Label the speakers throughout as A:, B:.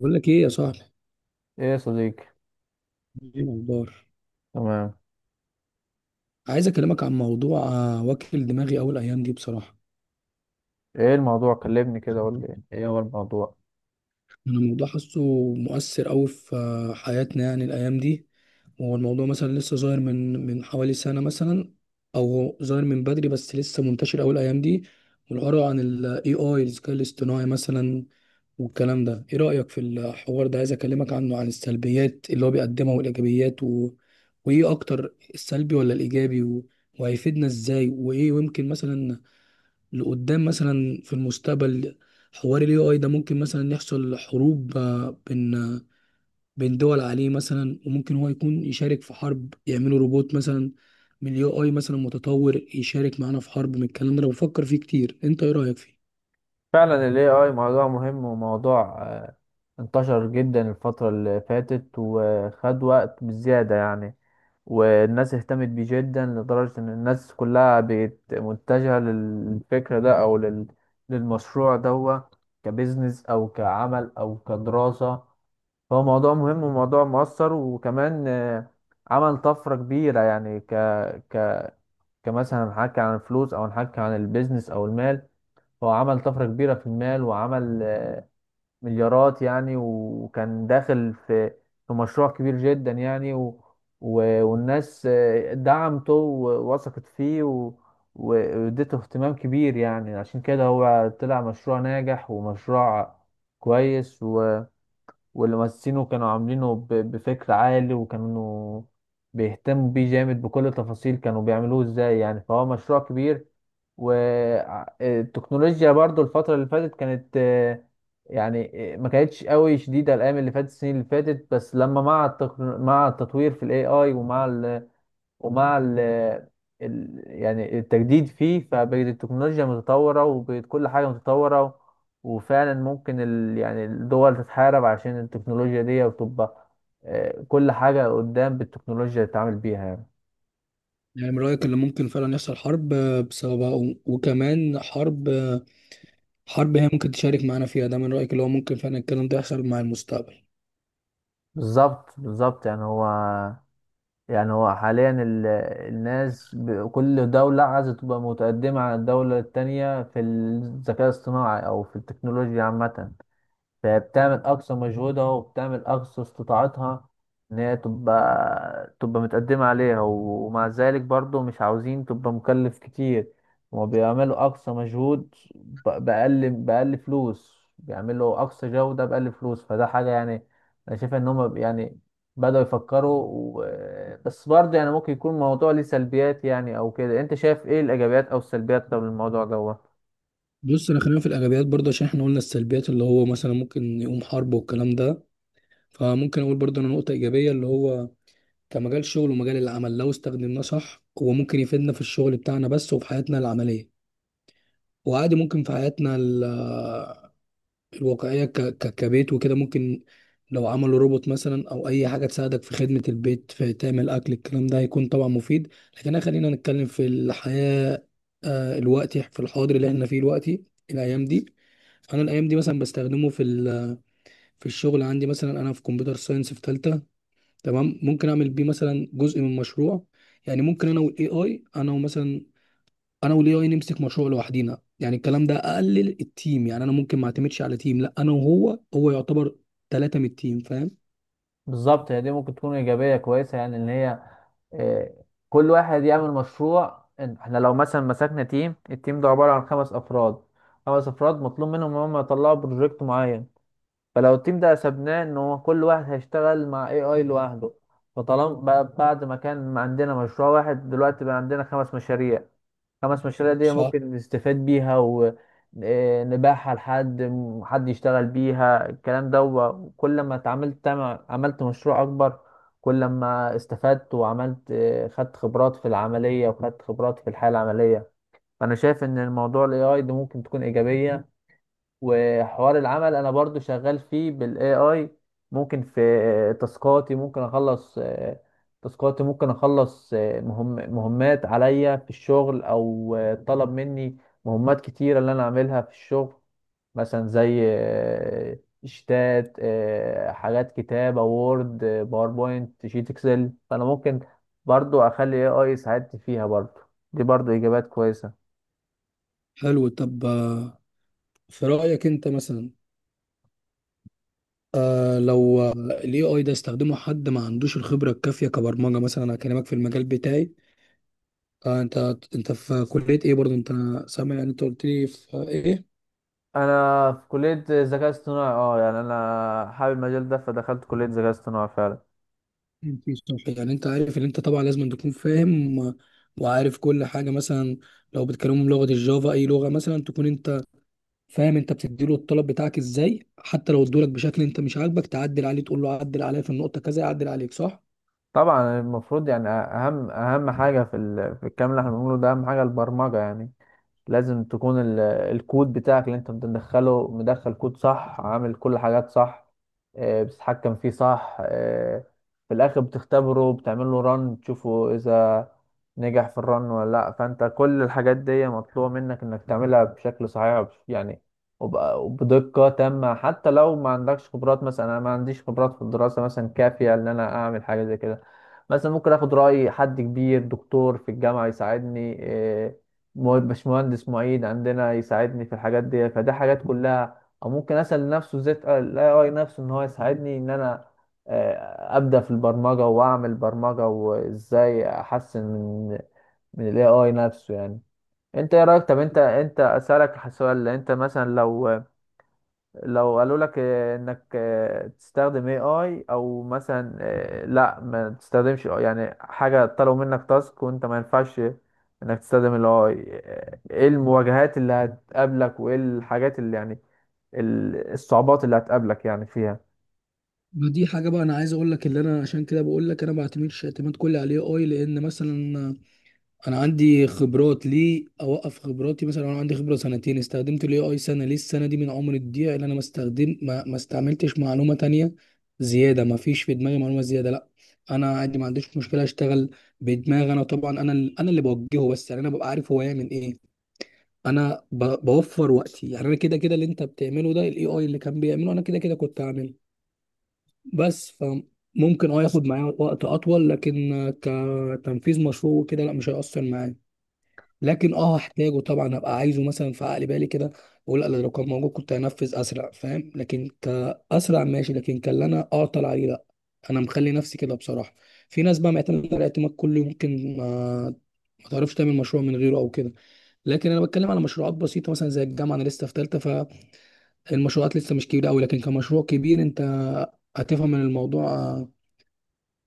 A: بقول لك ايه يا صاحبي؟
B: ايه يا صديقي.
A: ايه الاخبار؟
B: تمام.
A: عايز اكلمك عن موضوع واكل دماغي اول ايام دي بصراحه.
B: ايه الموضوع؟ كلمني كده، قول لي ايه هو الموضوع.
A: انا الموضوع حاسه مؤثر قوي في حياتنا يعني الايام دي. هو الموضوع مثلا لسه ظاهر من حوالي سنه مثلا، او ظاهر من بدري بس لسه منتشر اول ايام دي، والعبارة عن الاي اي الذكاء الاصطناعي مثلا. والكلام ده ايه رأيك في الحوار ده؟ عايز اكلمك عنه، عن السلبيات اللي هو بيقدمها والايجابيات وايه اكتر، السلبي ولا الايجابي، وهيفيدنا ازاي، وايه ويمكن مثلا لقدام مثلا في المستقبل حوار الاي اي ده ممكن مثلا يحصل حروب بين بين دول عليه مثلا. وممكن هو يكون يشارك في حرب، يعملوا روبوت مثلا من الاي اي مثلا متطور يشارك معانا في حرب. من الكلام ده أنا بفكر فيه كتير، انت ايه رأيك فيه؟
B: فعلا ال AI موضوع مهم وموضوع انتشر جدا الفترة اللي فاتت وخد وقت بزيادة يعني. والناس اهتمت بيه جدا لدرجة ان الناس كلها بقت متجهة للفكرة ده او للمشروع ده، كبزنس او كعمل او كدراسة. فهو موضوع مهم وموضوع مؤثر وكمان عمل طفرة كبيرة يعني، ك... ك كمثلا هنحكي عن الفلوس او هنحكي عن البيزنس او المال. هو عمل طفرة كبيرة في المال وعمل مليارات يعني، وكان داخل في مشروع كبير جدا يعني. و والناس دعمته ووثقت فيه و واديته اهتمام كبير، يعني عشان كده هو طلع مشروع ناجح ومشروع كويس. واللي مؤسسينه كانوا عاملينه بفكر عالي، وكانوا بيهتموا بيه جامد، بكل تفاصيل كانوا بيعملوه ازاي يعني. فهو مشروع كبير. والتكنولوجيا برضو الفترة اللي فاتت كانت يعني ما كانتش قوي شديدة الأيام اللي فاتت، السنين اللي فاتت. بس لما مع مع التطوير في ال AI ومع ال يعني التجديد فيه، فبقت التكنولوجيا متطورة وبقت كل حاجة متطورة. وفعلا ممكن ال يعني الدول تتحارب عشان التكنولوجيا دي، وتبقى كل حاجة قدام بالتكنولوجيا اللي تتعامل بيها يعني.
A: يعني من رأيك اللي ممكن فعلا يحصل حرب بسببها وكمان حرب، حرب هي ممكن تشارك معانا فيها، ده من رأيك اللي هو ممكن فعلا الكلام ده يحصل مع المستقبل؟
B: بالظبط بالظبط. يعني هو حاليا الناس كل دولة عايزة تبقى متقدمة عن الدولة التانية في الذكاء الاصطناعي أو في التكنولوجيا عامة. فبتعمل اقصى مجهودها وبتعمل اقصى استطاعتها ان هي تبقى متقدمة عليها. ومع ذلك برضو مش عاوزين تبقى مكلف كتير. هما بيعملوا اقصى مجهود بأقل فلوس، بيعملوا اقصى جودة بأقل فلوس، فده حاجة يعني. انا شايف ان هما بدأوا يفكروا بس برضه يعني ممكن يكون الموضوع ليه سلبيات يعني او كده. انت شايف ايه الايجابيات او السلبيات طب الموضوع ده؟
A: بص، انا خلينا في الايجابيات برضه، عشان احنا قلنا السلبيات اللي هو مثلا ممكن يقوم حرب والكلام ده. فممكن اقول برضه انا نقطة ايجابية اللي هو كمجال شغل ومجال العمل، لو استخدمناه صح هو ممكن يفيدنا في الشغل بتاعنا بس وفي حياتنا العملية. وعادي ممكن في حياتنا الواقعية كبيت وكده، ممكن لو عملوا روبوت مثلا أو أي حاجة تساعدك في خدمة البيت، في تعمل أكل، الكلام ده هيكون طبعا مفيد. لكن أنا خلينا نتكلم في الحياة الوقتي، في الحاضر اللي احنا فيه دلوقتي، الأيام دي. أنا الأيام دي مثلا بستخدمه في في الشغل عندي مثلا، أنا في كمبيوتر ساينس في تالتة. تمام. ممكن أعمل بيه مثلا جزء من مشروع. يعني ممكن أنا وال AI، أنا ومثلا انا والاي اي نمسك مشروع لوحدينا، يعني الكلام ده اقلل التيم، يعني انا ممكن ما اعتمدش على تيم، لا انا وهو، هو يعتبر ثلاثة من التيم، فاهم؟
B: بالظبط. هي دي ممكن تكون ايجابيه كويسه، يعني ان هي آه، كل واحد يعمل مشروع. احنا لو مثلا مسكنا تيم، التيم ده عباره عن 5 افراد، 5 افراد مطلوب منهم ان هم يطلعوا بروجكت معين. فلو التيم ده سبناه ان هو كل واحد هيشتغل مع اي اي لوحده، فطالما بقى بعد ما كان عندنا مشروع واحد دلوقتي بقى عندنا 5 مشاريع. 5 مشاريع دي
A: صح.
B: ممكن نستفاد بيها ونباعها حد يشتغل بيها الكلام ده. وكل ما عملت مشروع اكبر، كل ما استفدت وعملت خدت خبرات في العملية وخدت خبرات في الحياة العملية. فأنا شايف إن الموضوع ال AI ده ممكن تكون إيجابية. وحوار العمل انا برضو شغال فيه بالاي اي، ممكن في تاسكاتي ممكن اخلص مهمات عليا في الشغل او طلب مني مهمات كتيرة اللي انا اعملها في الشغل، مثلا زي شتات حاجات كتابة وورد باوربوينت شيت اكسل. فانا ممكن برضو اخلي اي اي يساعدني فيها برضو، دي برضو اجابات كويسة.
A: حلو. طب في رأيك انت مثلا، آه لو الاي اي ده استخدمه حد ما عندوش الخبرة الكافية كبرمجة مثلا، انا هكلمك في المجال بتاعي. آه انت، انت في كلية ايه برضه انت؟ سامع؟ يعني انت قلت لي في ايه؟
B: انا في كليه ذكاء اصطناعي، اه يعني انا حابب المجال ده فدخلت كليه ذكاء اصطناعي فعلا.
A: في الصح يعني انت عارف ان انت طبعا لازم أن تكون فاهم وعارف كل حاجة مثلا. لو بتكلمهم لغة الجافا، اي لغة مثلا، تكون انت فاهم، انت بتديله الطلب بتاعك ازاي، حتى لو ادولك بشكل انت مش عاجبك تعدل عليه، تقول له عدل عليا في النقطه كذا يعدل عليك، صح؟
B: طبعا المفروض يعني اهم اهم حاجه في في الكلام اللي احنا بنقوله ده، اهم حاجه البرمجه يعني. لازم تكون الكود بتاعك اللي انت بتدخله، مدخل كود صح، عامل كل حاجات صح، بتتحكم فيه صح. في الاخر بتختبره، بتعمل له رن تشوفه اذا نجح في الرن ولا لا. فانت كل الحاجات دي مطلوبة منك انك تعملها بشكل صحيح وبدقة تامة. حتى لو ما عندكش خبرات، مثلا انا ما عنديش خبرات في الدراسة مثلا كافية ان انا اعمل حاجة زي كده، مثلا ممكن اخد رأي حد كبير، دكتور في الجامعة يساعدني، باشمهندس معيد عندنا يساعدني في الحاجات دي. فدي حاجات كلها. او ممكن اسال نفسه ازاي الاي اي نفسه ان هو يساعدني ان انا ابدا في البرمجه واعمل برمجه، وازاي احسن من الاي اي نفسه يعني. انت ايه رايك؟ طب انت اسالك سؤال، انت مثلا لو قالوا لك انك تستخدم اي اي، او مثلا لا ما تستخدمش AI يعني، حاجه طلبوا منك تاسك وانت ما ينفعش انك تستخدم الاي اي، ايه المواجهات اللي هتقابلك وايه الحاجات اللي يعني الصعوبات اللي هتقابلك يعني فيها؟
A: ما دي حاجه بقى انا عايز اقول لك. اللي انا عشان كده بقول لك انا ما بعتمدش اعتماد كلي عليه، اي لان مثلا انا عندي خبرات، ليه اوقف خبراتي؟ مثلا انا عندي خبره سنتين، استخدمت الاي اي سنه، ليه السنه دي من عمر الضيع؟ اللي انا ما استخدم، ما استعملتش معلومه تانية زياده، ما فيش في دماغي معلومه زياده، لا. انا عادي ما عنديش مشكله اشتغل بدماغي انا طبعا، انا انا اللي بوجهه بس، يعني انا ببقى عارف هو يعمل ايه. انا بوفر وقتي، يعني انا كده كده، اللي انت بتعمله ده الاي اي اللي كان بيعمله انا كده كده كنت هعمله. بس فممكن اه ياخد معايا وقت اطول، لكن كتنفيذ مشروع وكده لا، مش هيأثر معايا. لكن اه هحتاجه طبعا، هبقى عايزه مثلا في عقل بالي كده اقول لا لو كان موجود كنت هنفذ اسرع، فاهم؟ لكن كاسرع ماشي، لكن كان اللي انا اعطل عليه لا، انا مخلي نفسي كده بصراحه. في ناس بقى معتمده على الاعتماد كله، ممكن آه ما تعرفش تعمل مشروع من غيره او كده، لكن انا بتكلم على مشروعات بسيطه مثلا زي الجامعه، انا لسه في ثالثه، فالمشروعات لسه مش كبيره قوي. لكن كمشروع كبير انت هتفهم من الموضوع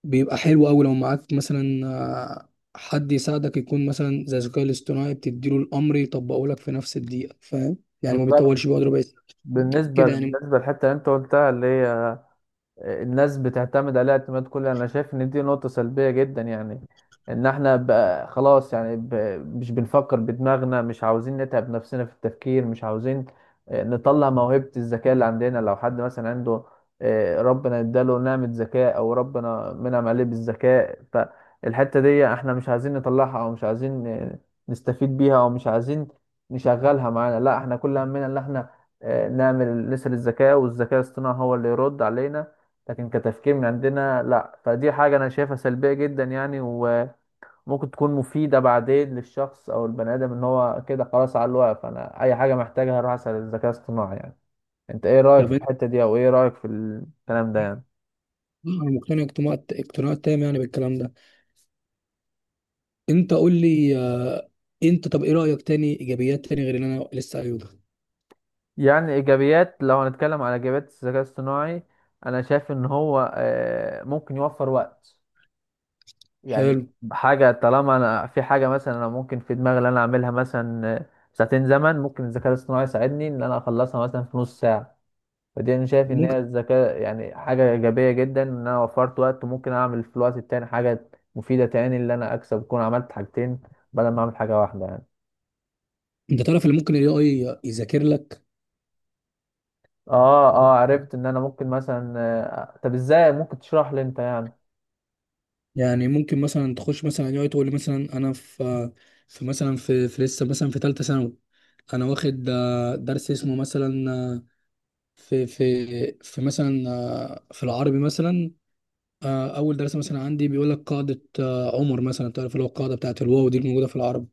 A: بيبقى حلو قوي لو معاك مثلا حد يساعدك، يكون مثلا زي الذكاء الاصطناعي، بتديله الامر يطبقه لك في نفس الدقيقه، فاهم؟ يعني ما
B: بالظبط.
A: بيطولش، بيقعد ربع ساعه كده يعني.
B: بالنسبه للحته اللي انت قلتها، اللي هي الناس بتعتمد عليها اعتماد كلي، انا شايف ان دي نقطة سلبية جدا يعني. ان احنا بقى خلاص يعني مش بنفكر بدماغنا، مش عاوزين نتعب نفسنا في التفكير، مش عاوزين نطلع موهبة الذكاء اللي عندنا. لو حد مثلا عنده ربنا اداله نعمة ذكاء او ربنا منعم عليه بالذكاء، فالحتة دي احنا مش عايزين نطلعها، او مش عايزين نستفيد بيها، او مش عايزين نشغلها معانا. لا، احنا كل همنا ان احنا نعمل نسأل الذكاء، والذكاء الاصطناعي هو اللي يرد علينا. لكن كتفكير من عندنا لا. فدي حاجة أنا شايفها سلبية جدا يعني. وممكن تكون مفيدة بعدين للشخص أو البني آدم إن هو كده خلاص على الواقف، أنا أي حاجة محتاجها أروح أسأل الذكاء الاصطناعي يعني. أنت إيه رأيك في
A: طب انت،
B: الحتة دي؟ أو إيه رأيك في الكلام ده يعني؟
A: انا مقتنع اقتناع تام يعني بالكلام ده. انت قول لي انت طب ايه رايك، تاني ايجابيات تاني غير اللي انا لسه قايله ده؟
B: يعني إيجابيات، لو هنتكلم على إيجابيات الذكاء الاصطناعي، أنا شايف إن هو ممكن يوفر وقت يعني.
A: حلو.
B: حاجة طالما أنا في حاجة، مثلا أنا ممكن في دماغي إن أنا أعملها مثلا 2 ساعة زمن، ممكن الذكاء الاصطناعي يساعدني إن أنا أخلصها مثلا في نص ساعة. فدي انا شايف ان هي
A: ممكن
B: الذكاء يعني حاجه ايجابيه جدا، ان انا وفرت وقت ممكن اعمل في الوقت التاني حاجه مفيده تاني، اللي انا اكسب اكون عملت حاجتين بدل ما اعمل حاجه واحده يعني.
A: انت تعرف اللي ممكن الاي اي يذاكر لك؟
B: اه، اه عرفت ان انا ممكن مثلا طب ازاي ممكن تشرح لي انت يعني؟
A: يعني ممكن مثلا تخش مثلا الاي اي تقول لي مثلا انا في، في لسه مثلا في ثالثه ثانوي، انا واخد درس اسمه مثلا في مثلا في العربي مثلا، اول درس مثلا عندي بيقول لك قاعده عمر مثلا، تعرف اللي هو القاعده بتاعت الواو دي الموجوده في العربي.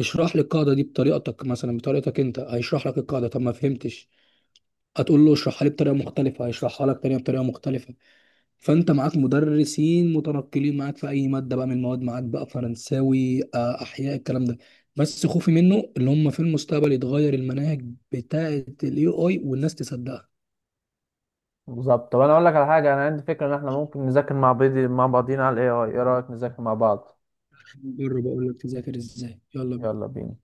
A: اشرح لي القاعده دي بطريقتك، مثلا بطريقتك انت، هيشرح لك القاعده. طب ما فهمتش، هتقول له اشرحها لي بطريقه مختلفه، هيشرحها لك تانية بطريقه مختلفه. فانت معاك مدرسين متنقلين معاك في اي ماده بقى من المواد، معاك بقى فرنساوي احياء، الكلام ده. بس خوفي منه اللي هم في المستقبل يتغير المناهج بتاعه الاي اي والناس تصدقها.
B: بالظبط. طب انا اقول لك على حاجه، انا عندي فكره ان احنا ممكن نذاكر مع بعض، مع بعضينا على الاي اي. ايه رايك نذاكر مع بعض؟
A: جرب اقول لك، تذاكر ازاي، يلا بينا.
B: يلا بينا.